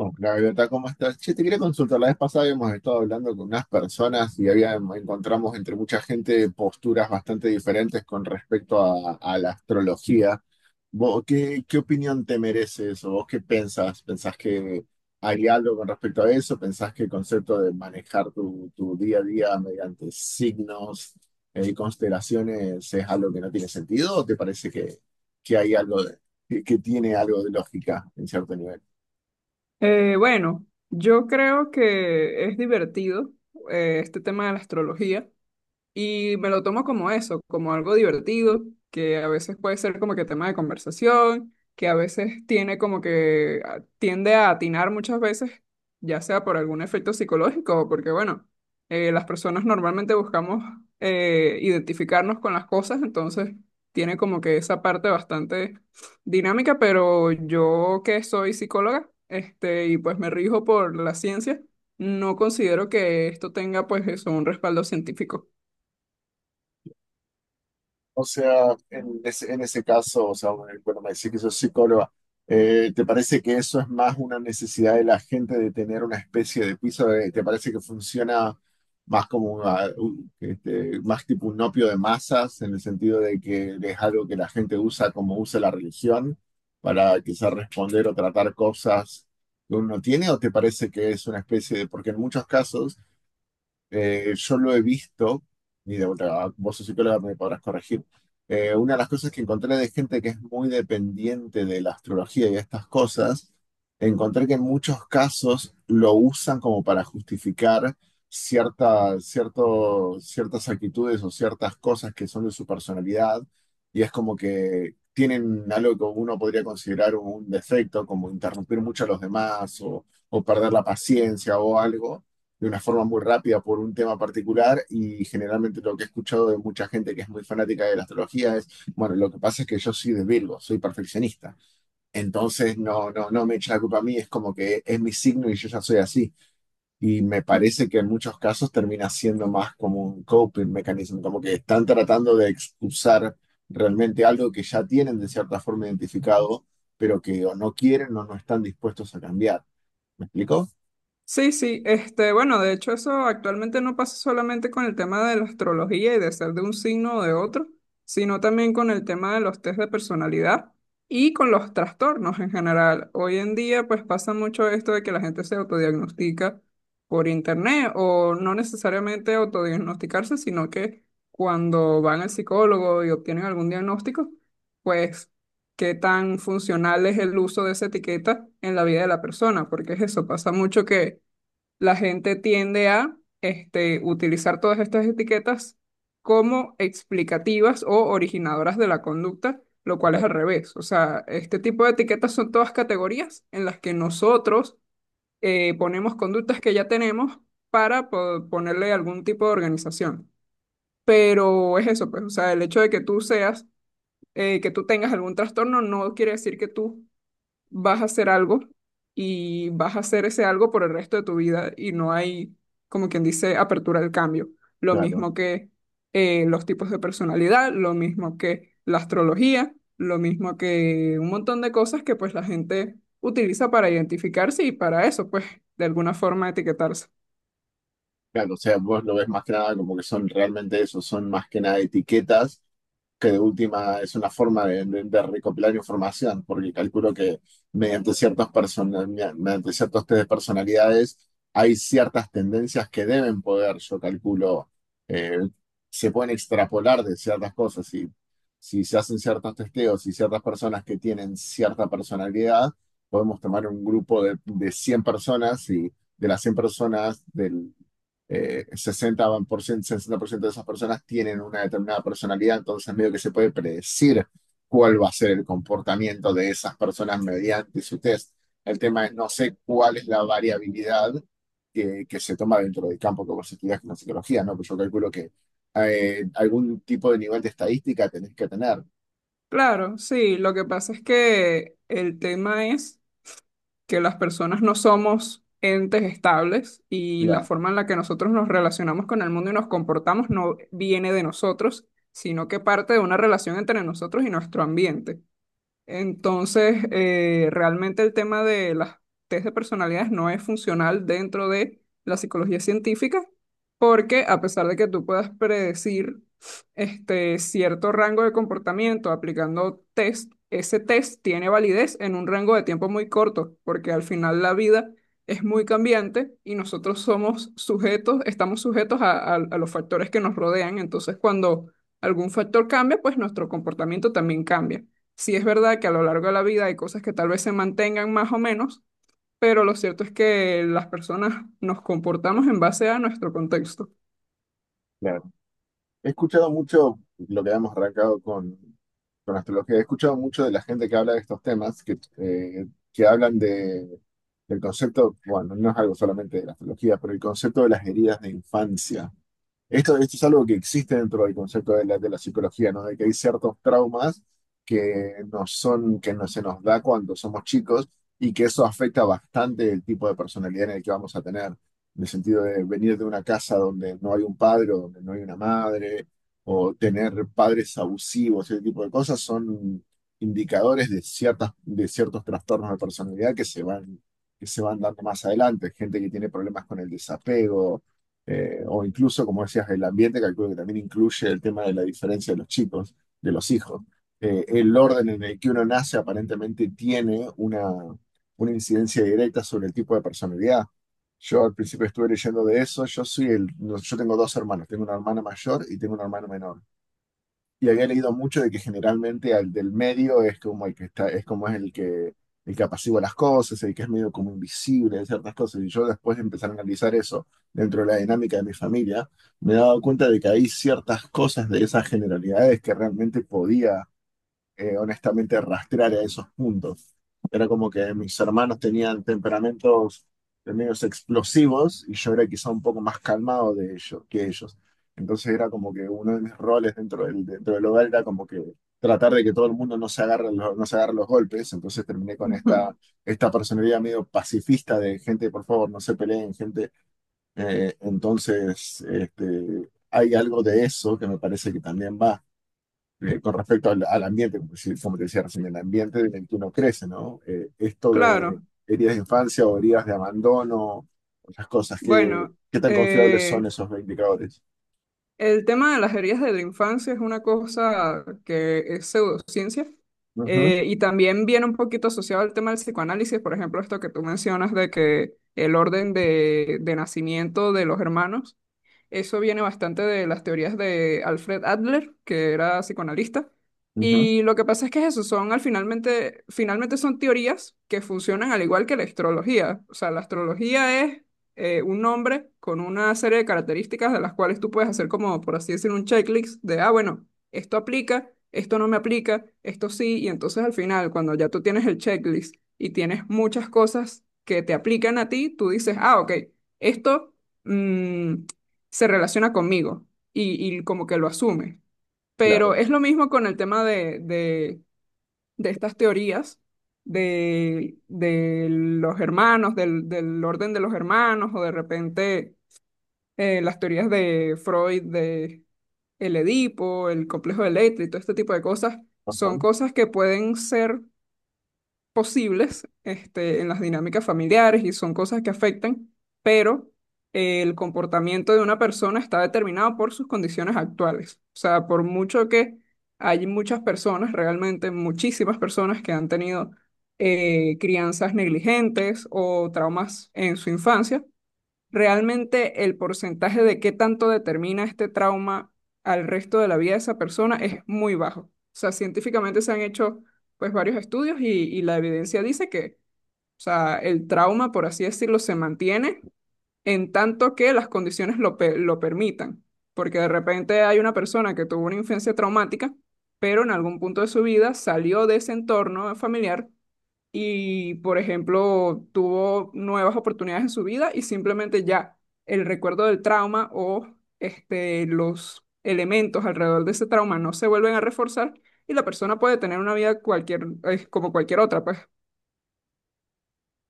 Oh, Gaviota, ¿cómo estás? Che, te quería consultar. La vez pasada habíamos estado hablando con unas personas y encontramos entre mucha gente posturas bastante diferentes con respecto a la astrología. ¿Vos qué opinión te merece eso? ¿Vos qué pensás? ¿Pensás que hay algo con respecto a eso? ¿Pensás que el concepto de manejar tu día a día mediante signos y constelaciones es algo que no tiene sentido? ¿O te parece que hay algo de- que tiene algo de lógica en cierto nivel? Bueno, yo creo que es divertido este tema de la astrología. Y me lo tomo como eso, como algo divertido, que a veces puede ser como que tema de conversación, que a veces tiene como que tiende a atinar muchas veces, ya sea por algún efecto psicológico o porque, bueno, las personas normalmente buscamos identificarnos con las cosas, entonces tiene como que esa parte bastante dinámica, pero yo que soy psicóloga, este, y pues me rijo por la ciencia, no considero que esto tenga pues eso, un respaldo científico. O sea, en ese caso, o sea, bueno, me decís que sos psicóloga. ¿Te parece que eso es más una necesidad de la gente de tener una especie de piso? ¿Te parece que funciona más como más tipo un opio de masas, en el sentido de que es algo que la gente usa como usa la religión para quizás responder o tratar cosas que uno tiene? ¿O te parece que es una especie de, porque en muchos casos? Yo lo he visto, y de vuelta, vos sos psicóloga, me podrás corregir. Una de las cosas que encontré de gente que es muy dependiente de la astrología y estas cosas, encontré que en muchos casos lo usan como para justificar ciertas actitudes o ciertas cosas que son de su personalidad, y es como que tienen algo que uno podría considerar un defecto, como interrumpir mucho a los demás o perder la paciencia o algo de una forma muy rápida por un tema particular. Y generalmente lo que he escuchado de mucha gente que es muy fanática de la astrología es, bueno, lo que pasa es que yo soy de Virgo, soy perfeccionista, entonces no, no, no me echa la culpa a mí, es como que es mi signo y yo ya soy así. Y me parece que en muchos casos termina siendo más como un coping mecanismo, como que están tratando de excusar realmente algo que ya tienen de cierta forma identificado, pero que o no quieren o no están dispuestos a cambiar. ¿Me explico? Sí, este, bueno, de hecho eso actualmente no pasa solamente con el tema de la astrología y de ser de un signo o de otro, sino también con el tema de los test de personalidad y con los trastornos en general. Hoy en día pues pasa mucho esto de que la gente se autodiagnostica por internet o no necesariamente autodiagnosticarse, sino que cuando van al psicólogo y obtienen algún diagnóstico, pues qué tan funcional es el uso de esa etiqueta en la vida de la persona, porque es eso, pasa mucho que la gente tiende a este, utilizar todas estas etiquetas como explicativas o originadoras de la conducta, lo cual es al revés. O sea, este tipo de etiquetas son todas categorías en las que nosotros ponemos conductas que ya tenemos para ponerle algún tipo de organización. Pero es eso, pues, o sea, el hecho de que tú tengas algún trastorno no quiere decir que tú vas a hacer algo y vas a hacer ese algo por el resto de tu vida y no hay, como quien dice, apertura al cambio. Lo Claro. mismo que los tipos de personalidad, lo mismo que la astrología, lo mismo que un montón de cosas que pues la gente utiliza para identificarse y para eso, pues de alguna forma etiquetarse. Claro, o sea, vos lo ves más que nada como que son realmente eso, son más que nada etiquetas, que de última es una forma de recopilar información, porque calculo que mediante ciertos test de personalidades hay ciertas tendencias que deben poder, yo calculo, eh, se pueden extrapolar de ciertas cosas. Y si se hacen ciertos testeos y ciertas personas que tienen cierta personalidad, podemos tomar un grupo de 100 personas, y de las 100 personas del sesenta por ciento de esas personas tienen una determinada personalidad, entonces medio que se puede predecir cuál va a ser el comportamiento de esas personas mediante su test. El tema es, no sé cuál es la variabilidad que se toma dentro del campo que vos estudias con la psicología, ¿no? Pues yo calculo que algún tipo de nivel de estadística tenés que tener. Claro, sí, lo que pasa es que el tema es que las personas no somos entes estables y la Claro, forma en la que nosotros nos relacionamos con el mundo y nos comportamos no viene de nosotros, sino que parte de una relación entre nosotros y nuestro ambiente. Entonces, realmente el tema de las test de personalidades no es funcional dentro de la psicología científica, porque a pesar de que tú puedas predecir este cierto rango de comportamiento aplicando test, ese test tiene validez en un rango de tiempo muy corto, porque al final la vida es muy cambiante y nosotros somos sujetos, estamos sujetos a los factores que nos rodean. Entonces, cuando algún factor cambia, pues nuestro comportamiento también cambia. Sí es verdad que a lo largo de la vida hay cosas que tal vez se mantengan más o menos, pero lo cierto es que las personas nos comportamos en base a nuestro contexto. claro. He escuchado mucho lo que habíamos arrancado con astrología. He escuchado mucho de la gente que habla de estos temas, que hablan de. El concepto, bueno, no es algo solamente de la astrología, pero el concepto de las heridas de infancia. Esto es algo que existe dentro del concepto de la psicología, ¿no? De que hay ciertos traumas que nos son, que no se nos da cuando somos chicos y que eso afecta bastante el tipo de personalidad en el que vamos a tener. En el sentido de venir de una casa donde no hay un padre o donde no hay una madre, o tener padres abusivos, ese tipo de cosas son indicadores de ciertas, de ciertos trastornos de personalidad que se van dando más adelante. Gente que tiene problemas con el desapego, o incluso, como decías, el ambiente, calculo que también incluye el tema de la diferencia de los chicos, de los hijos. El orden en el que uno nace aparentemente tiene una incidencia directa sobre el tipo de personalidad. Yo al principio estuve leyendo de eso. No, yo tengo dos hermanos, tengo una hermana mayor y tengo una hermana menor, y había leído mucho de que generalmente al del medio es como el que está, es como es el que apacigua las cosas, el que es medio como invisible de ciertas cosas. Y yo, después de empezar a analizar eso dentro de la dinámica de mi familia, me he dado cuenta de que hay ciertas cosas de esas generalidades que realmente podía, honestamente, rastrear a esos puntos. Era como que mis hermanos tenían temperamentos de medios explosivos y yo era quizá un poco más calmado que ellos. Entonces era como que uno de mis roles dentro del hogar era como que tratar de que todo el mundo no se agarre, no se agarre los golpes. Entonces terminé con Ujú. Esta personalidad medio pacifista de gente, por favor, no se peleen, gente. Entonces, hay algo de eso que me parece que también va, con respecto al ambiente, como te decía recién, el ambiente en el que uno crece, ¿no? Esto de Claro. heridas de infancia o heridas de abandono, otras cosas, Bueno, qué tan confiables eh, son esos indicadores? el tema de las heridas de la infancia es una cosa que es pseudociencia Ujú, y también viene un poquito asociado al tema del psicoanálisis, por ejemplo, esto que tú mencionas de que el orden de nacimiento de los hermanos. Eso viene bastante de las teorías de Alfred Adler, que era psicoanalista. ujú, Y lo que pasa es que es eso, son finalmente son teorías que funcionan al igual que la astrología. O sea, la astrología es un nombre con una serie de características de las cuales tú puedes hacer como, por así decir, un checklist de, ah, bueno, esto aplica, esto no me aplica, esto sí. Y entonces al final, cuando ya tú tienes el checklist y tienes muchas cosas que te aplican a ti, tú dices, ah, ok, esto... mm, se relaciona conmigo y como que lo asume. Pero claro. es lo mismo con el tema de estas teorías de los hermanos, del orden de los hermanos, o de repente las teorías de Freud, de el Edipo, el complejo de Electra y todo este tipo de cosas, Ajá. son cosas que pueden ser posibles este, en las dinámicas familiares y son cosas que afectan, pero el comportamiento de una persona está determinado por sus condiciones actuales. O sea, por mucho que realmente muchísimas personas que han tenido crianzas negligentes o traumas en su infancia, realmente el porcentaje de qué tanto determina este trauma al resto de la vida de esa persona es muy bajo. O sea, científicamente se han hecho pues varios estudios y la evidencia dice que, o sea, el trauma, por así decirlo, se mantiene en tanto que las condiciones lo, lo permitan. Porque de repente hay una persona que tuvo una infancia traumática, pero en algún punto de su vida salió de ese entorno familiar y, por ejemplo, tuvo nuevas oportunidades en su vida y simplemente ya el recuerdo del trauma o este, los elementos alrededor de ese trauma no se vuelven a reforzar y la persona puede tener una vida cualquier, como cualquier otra, pues.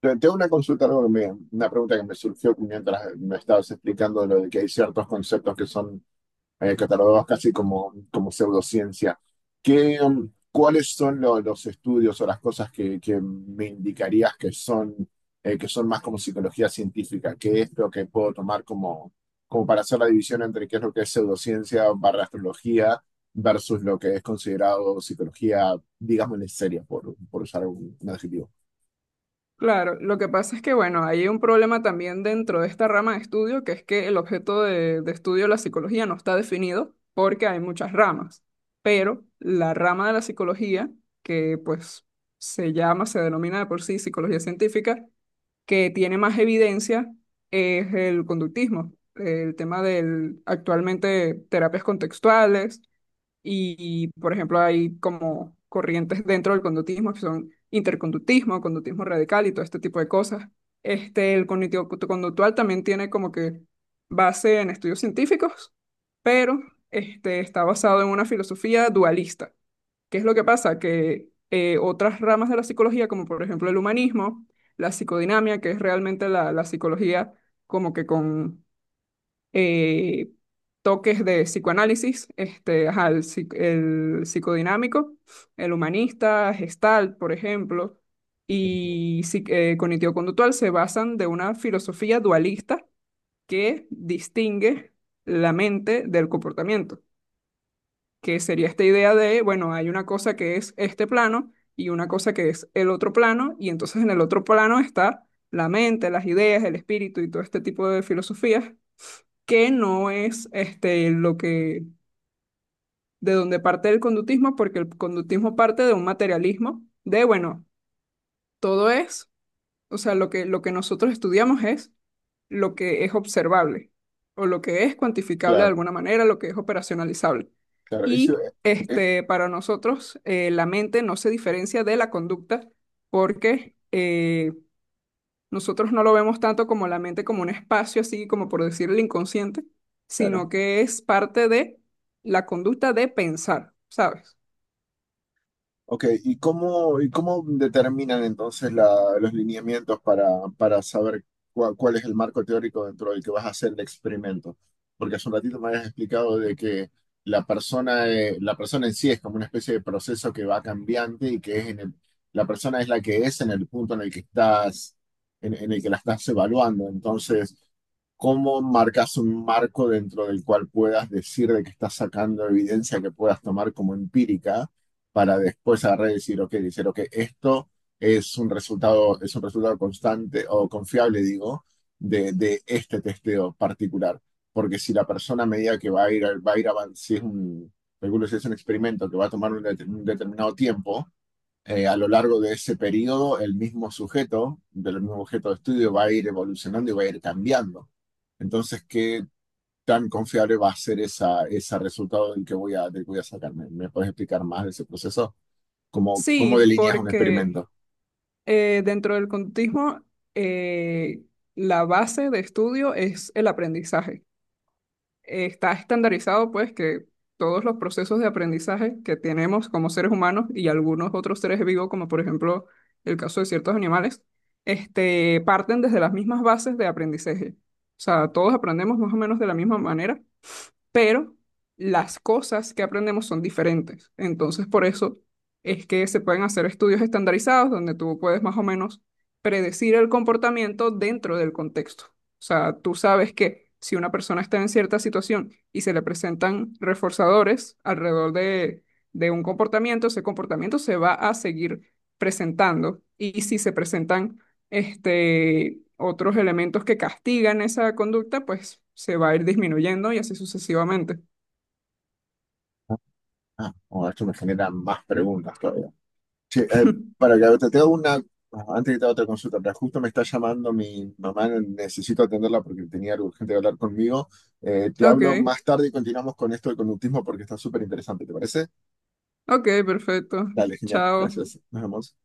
Tengo una consulta, algo que una pregunta que me surgió mientras me estabas explicando lo de que hay ciertos conceptos que son, catalogados casi como, pseudociencia. ¿Cuáles son los estudios o las cosas que me indicarías que son más como psicología científica? ¿Qué es lo que puedo tomar como para hacer la división entre qué es lo que es pseudociencia barra astrología versus lo que es considerado psicología, digamos, en seria, por usar un adjetivo? Claro, lo que pasa es que, bueno, hay un problema también dentro de esta rama de estudio, que es que el objeto de estudio de la psicología no está definido porque hay muchas ramas, pero la rama de la psicología, que pues se denomina de por sí psicología científica, que tiene más evidencia es el conductismo, el tema del actualmente terapias contextuales y, por ejemplo, hay como corrientes dentro del conductismo que son interconductismo, conductismo radical y todo este tipo de cosas. Este, el cognitivo conductual también tiene como que base en estudios científicos, pero este, está basado en una filosofía dualista. ¿Qué es lo que pasa? Que otras ramas de la psicología, como por ejemplo el humanismo, la psicodinamia, que es realmente la psicología como que con eh, toques de psicoanálisis, este, ajá, el psicodinámico, el humanista, Gestalt, por ejemplo, Ujú. y cognitivo-conductual se basan de una filosofía dualista que distingue la mente del comportamiento, que sería esta idea de, bueno, hay una cosa que es este plano y una cosa que es el otro plano, y entonces en el otro plano está la mente, las ideas, el espíritu y todo este tipo de filosofías que no es este, de donde parte el conductismo, porque el conductismo parte de un materialismo, de, bueno, todo es, o sea, lo que nosotros estudiamos es lo que es observable, o lo que es cuantificable de Claro, alguna manera, lo que es operacionalizable. claro. Eso, Y eh, este, para nosotros, la mente no se diferencia de la conducta porque... nosotros no lo vemos tanto como la mente como un espacio, así como por decir el inconsciente, claro. sino que es parte de la conducta de pensar, ¿sabes? Ok, ¿y cómo determinan entonces los lineamientos para saber cuál es el marco teórico dentro del que vas a hacer el experimento? Porque hace un ratito me habías explicado de que la persona, en sí, es como una especie de proceso que va cambiante y que es la persona es la que es en el punto en el que estás, en el que la estás evaluando. Entonces, ¿cómo marcas un marco dentro del cual puedas decir de que estás sacando evidencia que puedas tomar como empírica para después agarrar y decir, ok, esto es un resultado constante o confiable, digo, de este testeo particular? Porque si la persona, a medida que va a ir avanzando, si es calculo si es un experimento que va a tomar un determinado tiempo, a lo largo de ese periodo, el mismo sujeto, del mismo objeto de estudio, va a ir evolucionando y va a ir cambiando. Entonces, ¿qué tan confiable va a ser esa, ese resultado del que voy a sacarme? ¿Me puedes explicar más de ese proceso? ¿Cómo, Sí, cómo delineas un porque experimento? Dentro del conductismo eh, la base de estudio es el aprendizaje. Está estandarizado, pues, que todos los procesos de aprendizaje que tenemos como seres humanos y algunos otros seres vivos, como por ejemplo el caso de ciertos animales, este, parten desde las mismas bases de aprendizaje. O sea, todos aprendemos más o menos de la misma manera, pero las cosas que aprendemos son diferentes. Entonces, por eso es que se pueden hacer estudios estandarizados donde tú puedes más o menos predecir el comportamiento dentro del contexto. O sea, tú sabes que si una persona está en cierta situación y se le presentan reforzadores alrededor de un comportamiento, ese comportamiento se va a seguir presentando. Y si se presentan este, otros elementos que castigan esa conducta, pues se va a ir disminuyendo y así sucesivamente. Ah, bueno, esto me genera más preguntas todavía. Che, para que te haga una, antes que te haga otra consulta, pero justo me está llamando mi mamá, necesito atenderla porque tenía algo urgente de hablar conmigo. Te hablo Ok, más tarde y continuamos con esto del conductismo porque está súper interesante, ¿te parece? ok, perfecto. Dale, genial, Chao. gracias. Nos vemos.